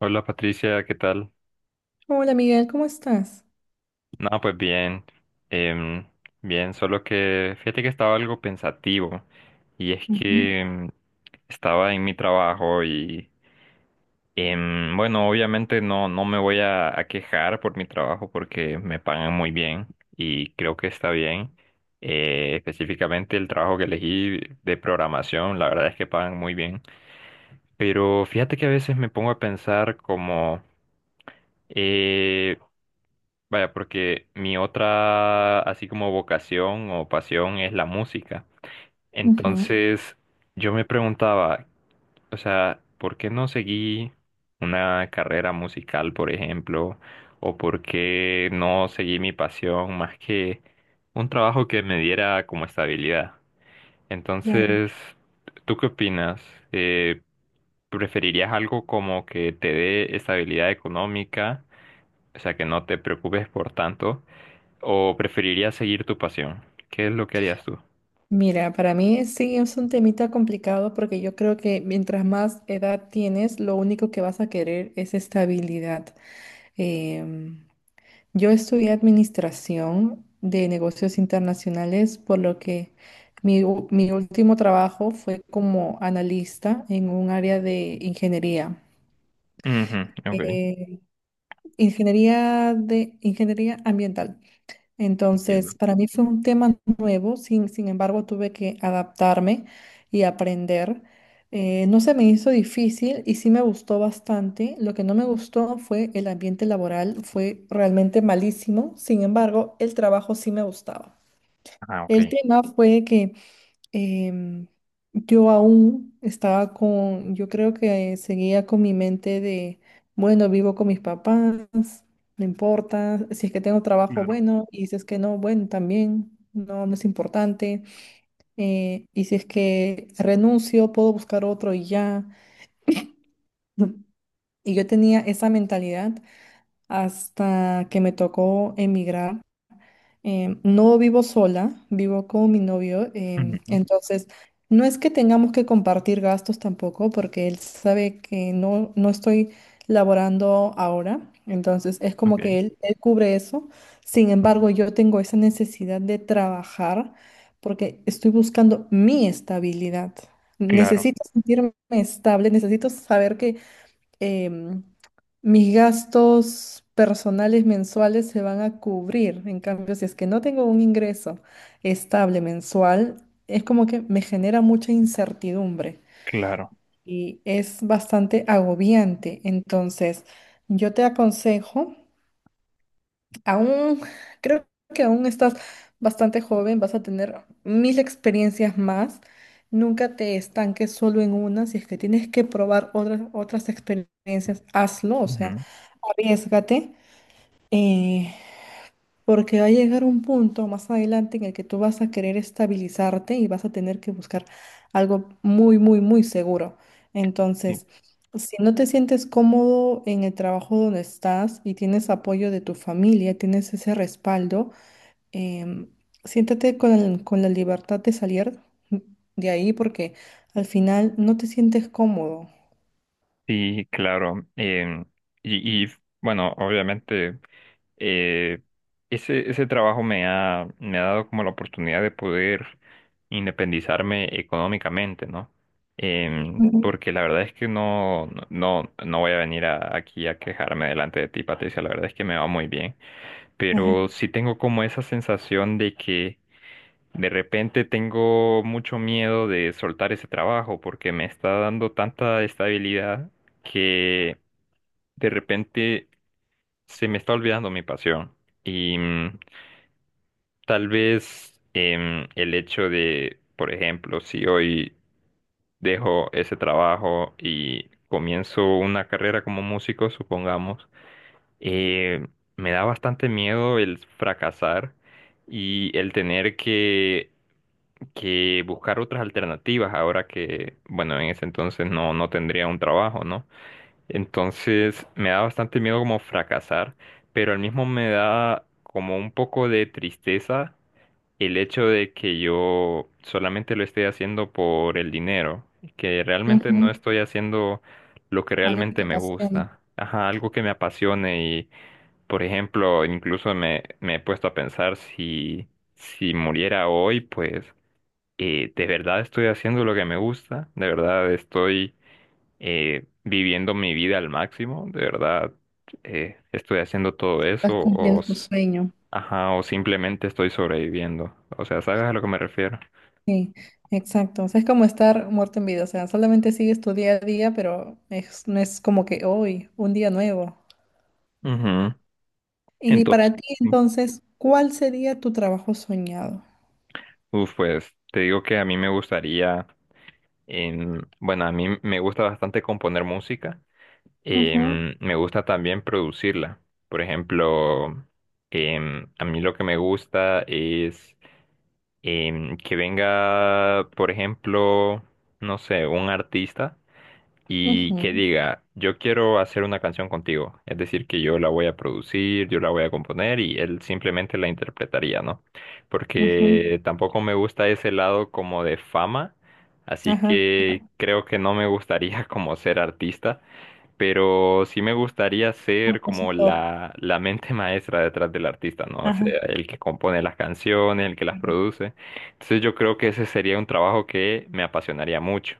Hola Patricia, ¿qué tal? Hola Miguel, ¿cómo estás? No, pues bien, em, bien, solo que fíjate que estaba algo pensativo y es que estaba en mi trabajo y bueno, obviamente no me voy a quejar por mi trabajo porque me pagan muy bien y creo que está bien. Específicamente el trabajo que elegí de programación, la verdad es que pagan muy bien. Pero fíjate que a veces me pongo a pensar como... Eh, Vaya, porque mi otra, así como vocación o pasión, es la música. Ujú, Entonces, yo me preguntaba, o sea, ¿por qué no seguí una carrera musical, por ejemplo? ¿O por qué no seguí mi pasión más que un trabajo que me diera como estabilidad? claro. Entonces, ¿tú qué opinas? Eh, ¿Preferirías algo como que te dé estabilidad económica? O sea, que no te preocupes por tanto. ¿O preferirías seguir tu pasión? ¿Qué es lo que harías tú? Mira, para mí sí es un temita complicado porque yo creo que mientras más edad tienes, lo único que vas a querer es estabilidad. Em, yo estudié administración de negocios internacionales, por lo que mi último trabajo fue como analista en un área de ingeniería, Ujú, ok, eh, ingeniería de ingeniería ambiental. entiendo. Entonces, para mí fue un tema nuevo, sin embargo, tuve que adaptarme y aprender. No se me hizo difícil y sí me gustó bastante. Lo que no me gustó fue el ambiente laboral, fue realmente malísimo. Sin embargo, el trabajo sí me gustaba. Ah, ok. El tema fue que em, yo aún estaba con, yo creo que seguía con mi mente de, bueno, vivo con mis papás, no importa, si es que tengo trabajo, Claro. bueno, y si es que no, bueno, también, no es importante, y si es que renuncio, puedo buscar otro y ya. Y yo tenía esa mentalidad hasta que me tocó emigrar. No vivo sola, vivo con mi novio, Ujú, entonces no es que tengamos que compartir gastos tampoco, porque él sabe que no estoy laborando ahora, entonces es como ok, que él cubre eso. Sin embargo, yo tengo esa necesidad de trabajar porque estoy buscando mi estabilidad. claro, Necesito sentirme estable, necesito saber que em, mis gastos personales mensuales se van a cubrir. En cambio, si es que no tengo un ingreso estable mensual, es como que me genera mucha incertidumbre claro. y es bastante agobiante. Entonces, yo te aconsejo Aún, creo que aún estás bastante joven, vas a tener mil experiencias más. Nunca te estanques solo en una. Si es que tienes que probar otras experiencias, hazlo, o sea, Ujú, arriésgate. Eh, Porque va a llegar un punto más adelante en el que tú vas a querer estabilizarte y vas a tener que buscar algo muy, muy, muy seguro. sí, Entonces, si no te sientes cómodo en el trabajo donde estás y tienes apoyo de tu familia, tienes ese respaldo, em, siéntate con la libertad de salir de ahí porque al final no te sientes cómodo. sí, claro. Em, y, y, bueno, obviamente, eh, ese trabajo me ha dado como la oportunidad de poder independizarme económicamente, ¿no? Em, Ujú. porque la verdad es que no voy a venir aquí a quejarme delante de ti, Patricia. La verdad es que me va muy bien. Ajá. Pero sí tengo como esa sensación de que de repente tengo mucho miedo de soltar ese trabajo porque me está dando tanta estabilidad que de repente se me está olvidando mi pasión. Y tal vez el hecho de, por ejemplo, si hoy dejo ese trabajo y comienzo una carrera como músico, supongamos, eh, me da bastante miedo el fracasar y el tener que buscar otras alternativas ahora que, bueno, en ese entonces no tendría un trabajo, ¿no? Entonces me da bastante miedo como fracasar, pero al mismo me da como un poco de tristeza el hecho de que yo solamente lo esté haciendo por el dinero, que realmente no Ujú. estoy haciendo lo que Algo que realmente te me apasiona, gusta. Ajá, algo que me apasione, por ejemplo, incluso me he puesto a pensar si, si muriera hoy, pues de verdad estoy haciendo lo que me gusta, de verdad estoy viviendo mi vida al máximo, de verdad estoy haciendo todo eso estás cumpliendo tu sueño. ajá, o simplemente estoy sobreviviendo. O sea, ¿sabes a lo que me refiero? Sí, exacto. O sea, es como estar muerto en vida. O sea, solamente sigues tu día a día, pero no es como que hoy, un día nuevo. Ujú. Y Entonces, para ti, sí. entonces, ¿cuál sería tu trabajo soñado? Uf, pues te digo que a mí me gustaría, bueno, a mí me gusta bastante componer música. Ujú, Em, me gusta también producirla. Por ejemplo, a mí lo que me gusta es que venga, por ejemplo, no sé, un artista y que ujú, diga, yo quiero hacer una canción contigo. Es decir, que yo la voy a producir, yo la voy a componer y él simplemente la interpretaría, ¿no? ujú. Porque tampoco me gusta ese lado como de fama, así Ajá, que creo que no me gustaría como ser artista, pero sí me gustaría ser como compositor. La mente maestra detrás del artista, ¿no? O Ajá, sea, el que compone las canciones, el que las claro. produce. Entonces yo creo que ese sería un trabajo que me apasionaría mucho.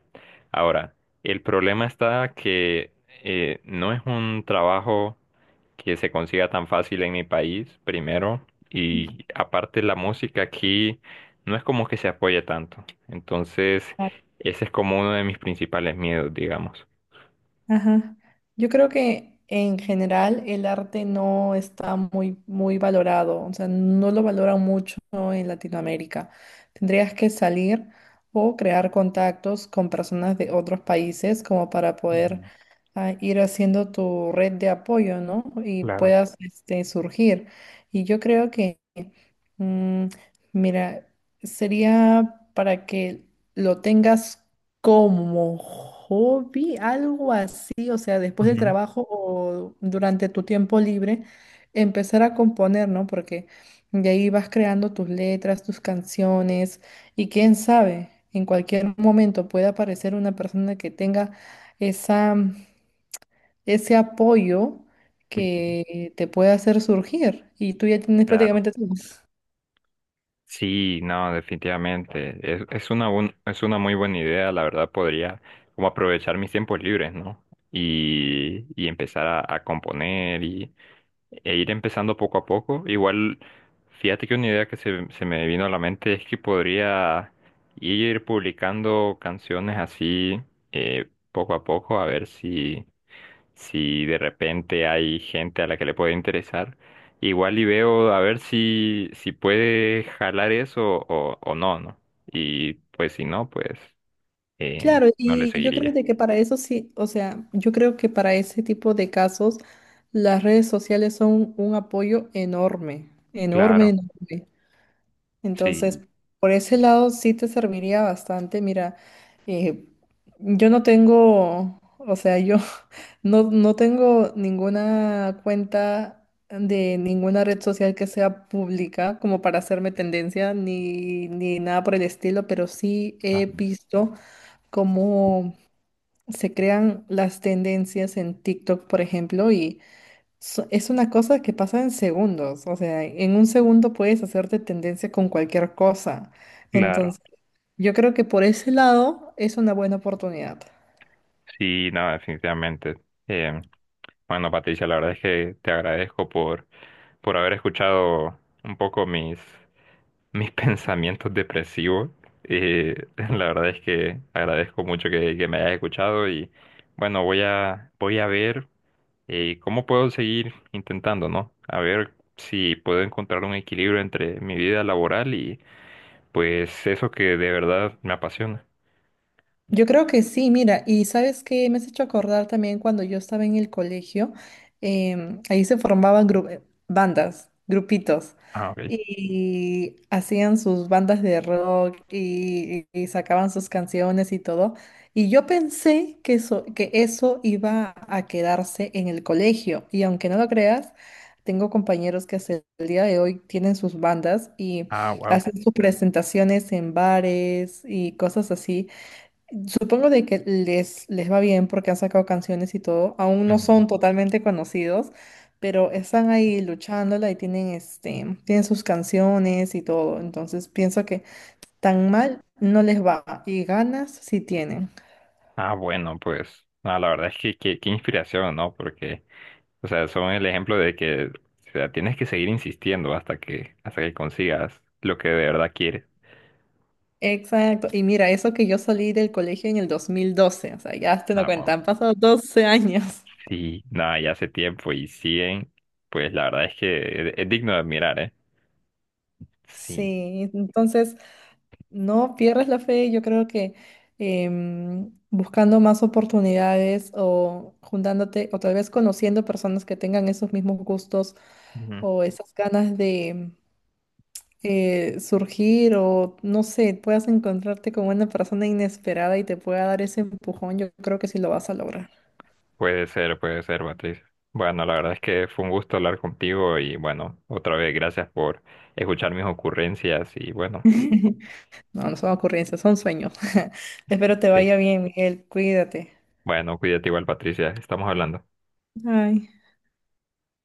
Ahora, el problema está que no es un trabajo que se consiga tan fácil en mi país, primero, y aparte la música aquí no es como que se apoye tanto. Entonces, ese es como uno de mis principales miedos, digamos. Ajá. Yo creo que en general el arte no está muy valorado, o sea, no lo valora mucho en Latinoamérica. Tendrías que salir o crear contactos con personas de otros países como para poder Ujú. Ir haciendo tu red de apoyo, ¿no? Y Claro. puedas este, surgir. Y yo creo que, mm, mira, sería para que lo tengas. Como hobby, algo así, o sea, después del Ujú, trabajo o durante tu tiempo libre, empezar a componer, ¿no? Porque de ahí vas creando tus letras, tus canciones y quién sabe, en cualquier momento puede aparecer una persona que tenga esa, ese apoyo ujú, que te puede hacer surgir y tú ya tienes claro. prácticamente todo. Sí, no, definitivamente. Es una es una muy buena idea, la verdad podría como aprovechar mis tiempos libres, ¿no? Y empezar a componer y e ir empezando poco a poco. Igual, fíjate que una idea que se me vino a la mente es que podría ir publicando canciones así poco a poco, a ver si de repente hay gente a la que le puede interesar, igual y veo a ver si, si puede jalar eso o no, ¿no? Y pues si no, pues Claro, no le y yo creo seguiría. de que para eso sí, o sea, yo creo que para ese tipo de casos las redes sociales son un apoyo enorme, enorme, Claro, enorme. sí, Entonces, por ese lado sí te serviría bastante. Mira, eh, yo no tengo, o sea, yo no tengo ninguna cuenta de ninguna red social que sea pública como para hacerme tendencia ni nada por el estilo, pero sí ah, he visto como se crean las tendencias en TikTok, por ejemplo, y es una cosa que pasa en segundos. O sea, en un segundo puedes hacerte tendencia con cualquier cosa. claro. Entonces, yo creo que por ese lado es una buena oportunidad. Sí, no, definitivamente. Eh, bueno, Patricia, la verdad es que te agradezco por haber escuchado un poco mis pensamientos depresivos. La verdad es que agradezco mucho que me hayas escuchado y bueno, voy a ver cómo puedo seguir intentando, ¿no? A ver si puedo encontrar un equilibrio entre mi vida laboral y pues eso que de verdad me apasiona. Yo creo que sí, mira, y sabes que me has hecho acordar también cuando yo estaba en el colegio, ahí se formaban bandas, grupitos, Ah, ok. y hacían sus bandas de rock y sacaban sus canciones y todo. Y yo pensé que eso iba a quedarse en el colegio, y aunque no lo creas, tengo compañeros que hasta el día de hoy tienen sus bandas y Ah, wow. hacen sus presentaciones en bares y cosas así. Supongo de que les va bien porque han sacado canciones y todo. Aún no Ujú. son totalmente conocidos, pero están ahí luchándola y tienen, este, tienen sus canciones y todo. Entonces pienso que tan mal no les va y ganas sí tienen. Ah, bueno, pues ah, la verdad es que qué inspiración, ¿no? Porque o sea, son el ejemplo de que, o sea, tienes que seguir insistiendo hasta que consigas lo que de verdad quieres. Exacto. Y mira, eso que yo salí del colegio en el 2012, o sea, ya te lo Ah, wow. cuentan, han pasado 12 años. Sí, nada, ya hace tiempo y siguen, pues la verdad es que es digno de admirar, ¿eh? Sí. Sí, entonces No pierdes la fe, yo creo que buscando más oportunidades o juntándote o tal vez conociendo personas que tengan esos mismos gustos Ujú. o esas ganas de surgir o no sé, puedas encontrarte con una persona inesperada y te pueda dar ese empujón, yo creo que sí lo vas a lograr. Puede ser, Patricia. Bueno, la verdad es que fue un gusto hablar contigo y bueno, otra vez gracias por escuchar mis ocurrencias y bueno, No, no son ocurrencias, son sueños. Espero te sí. vaya bien, Miguel, cuídate. Bueno, cuídate igual, Patricia, estamos hablando. Ay.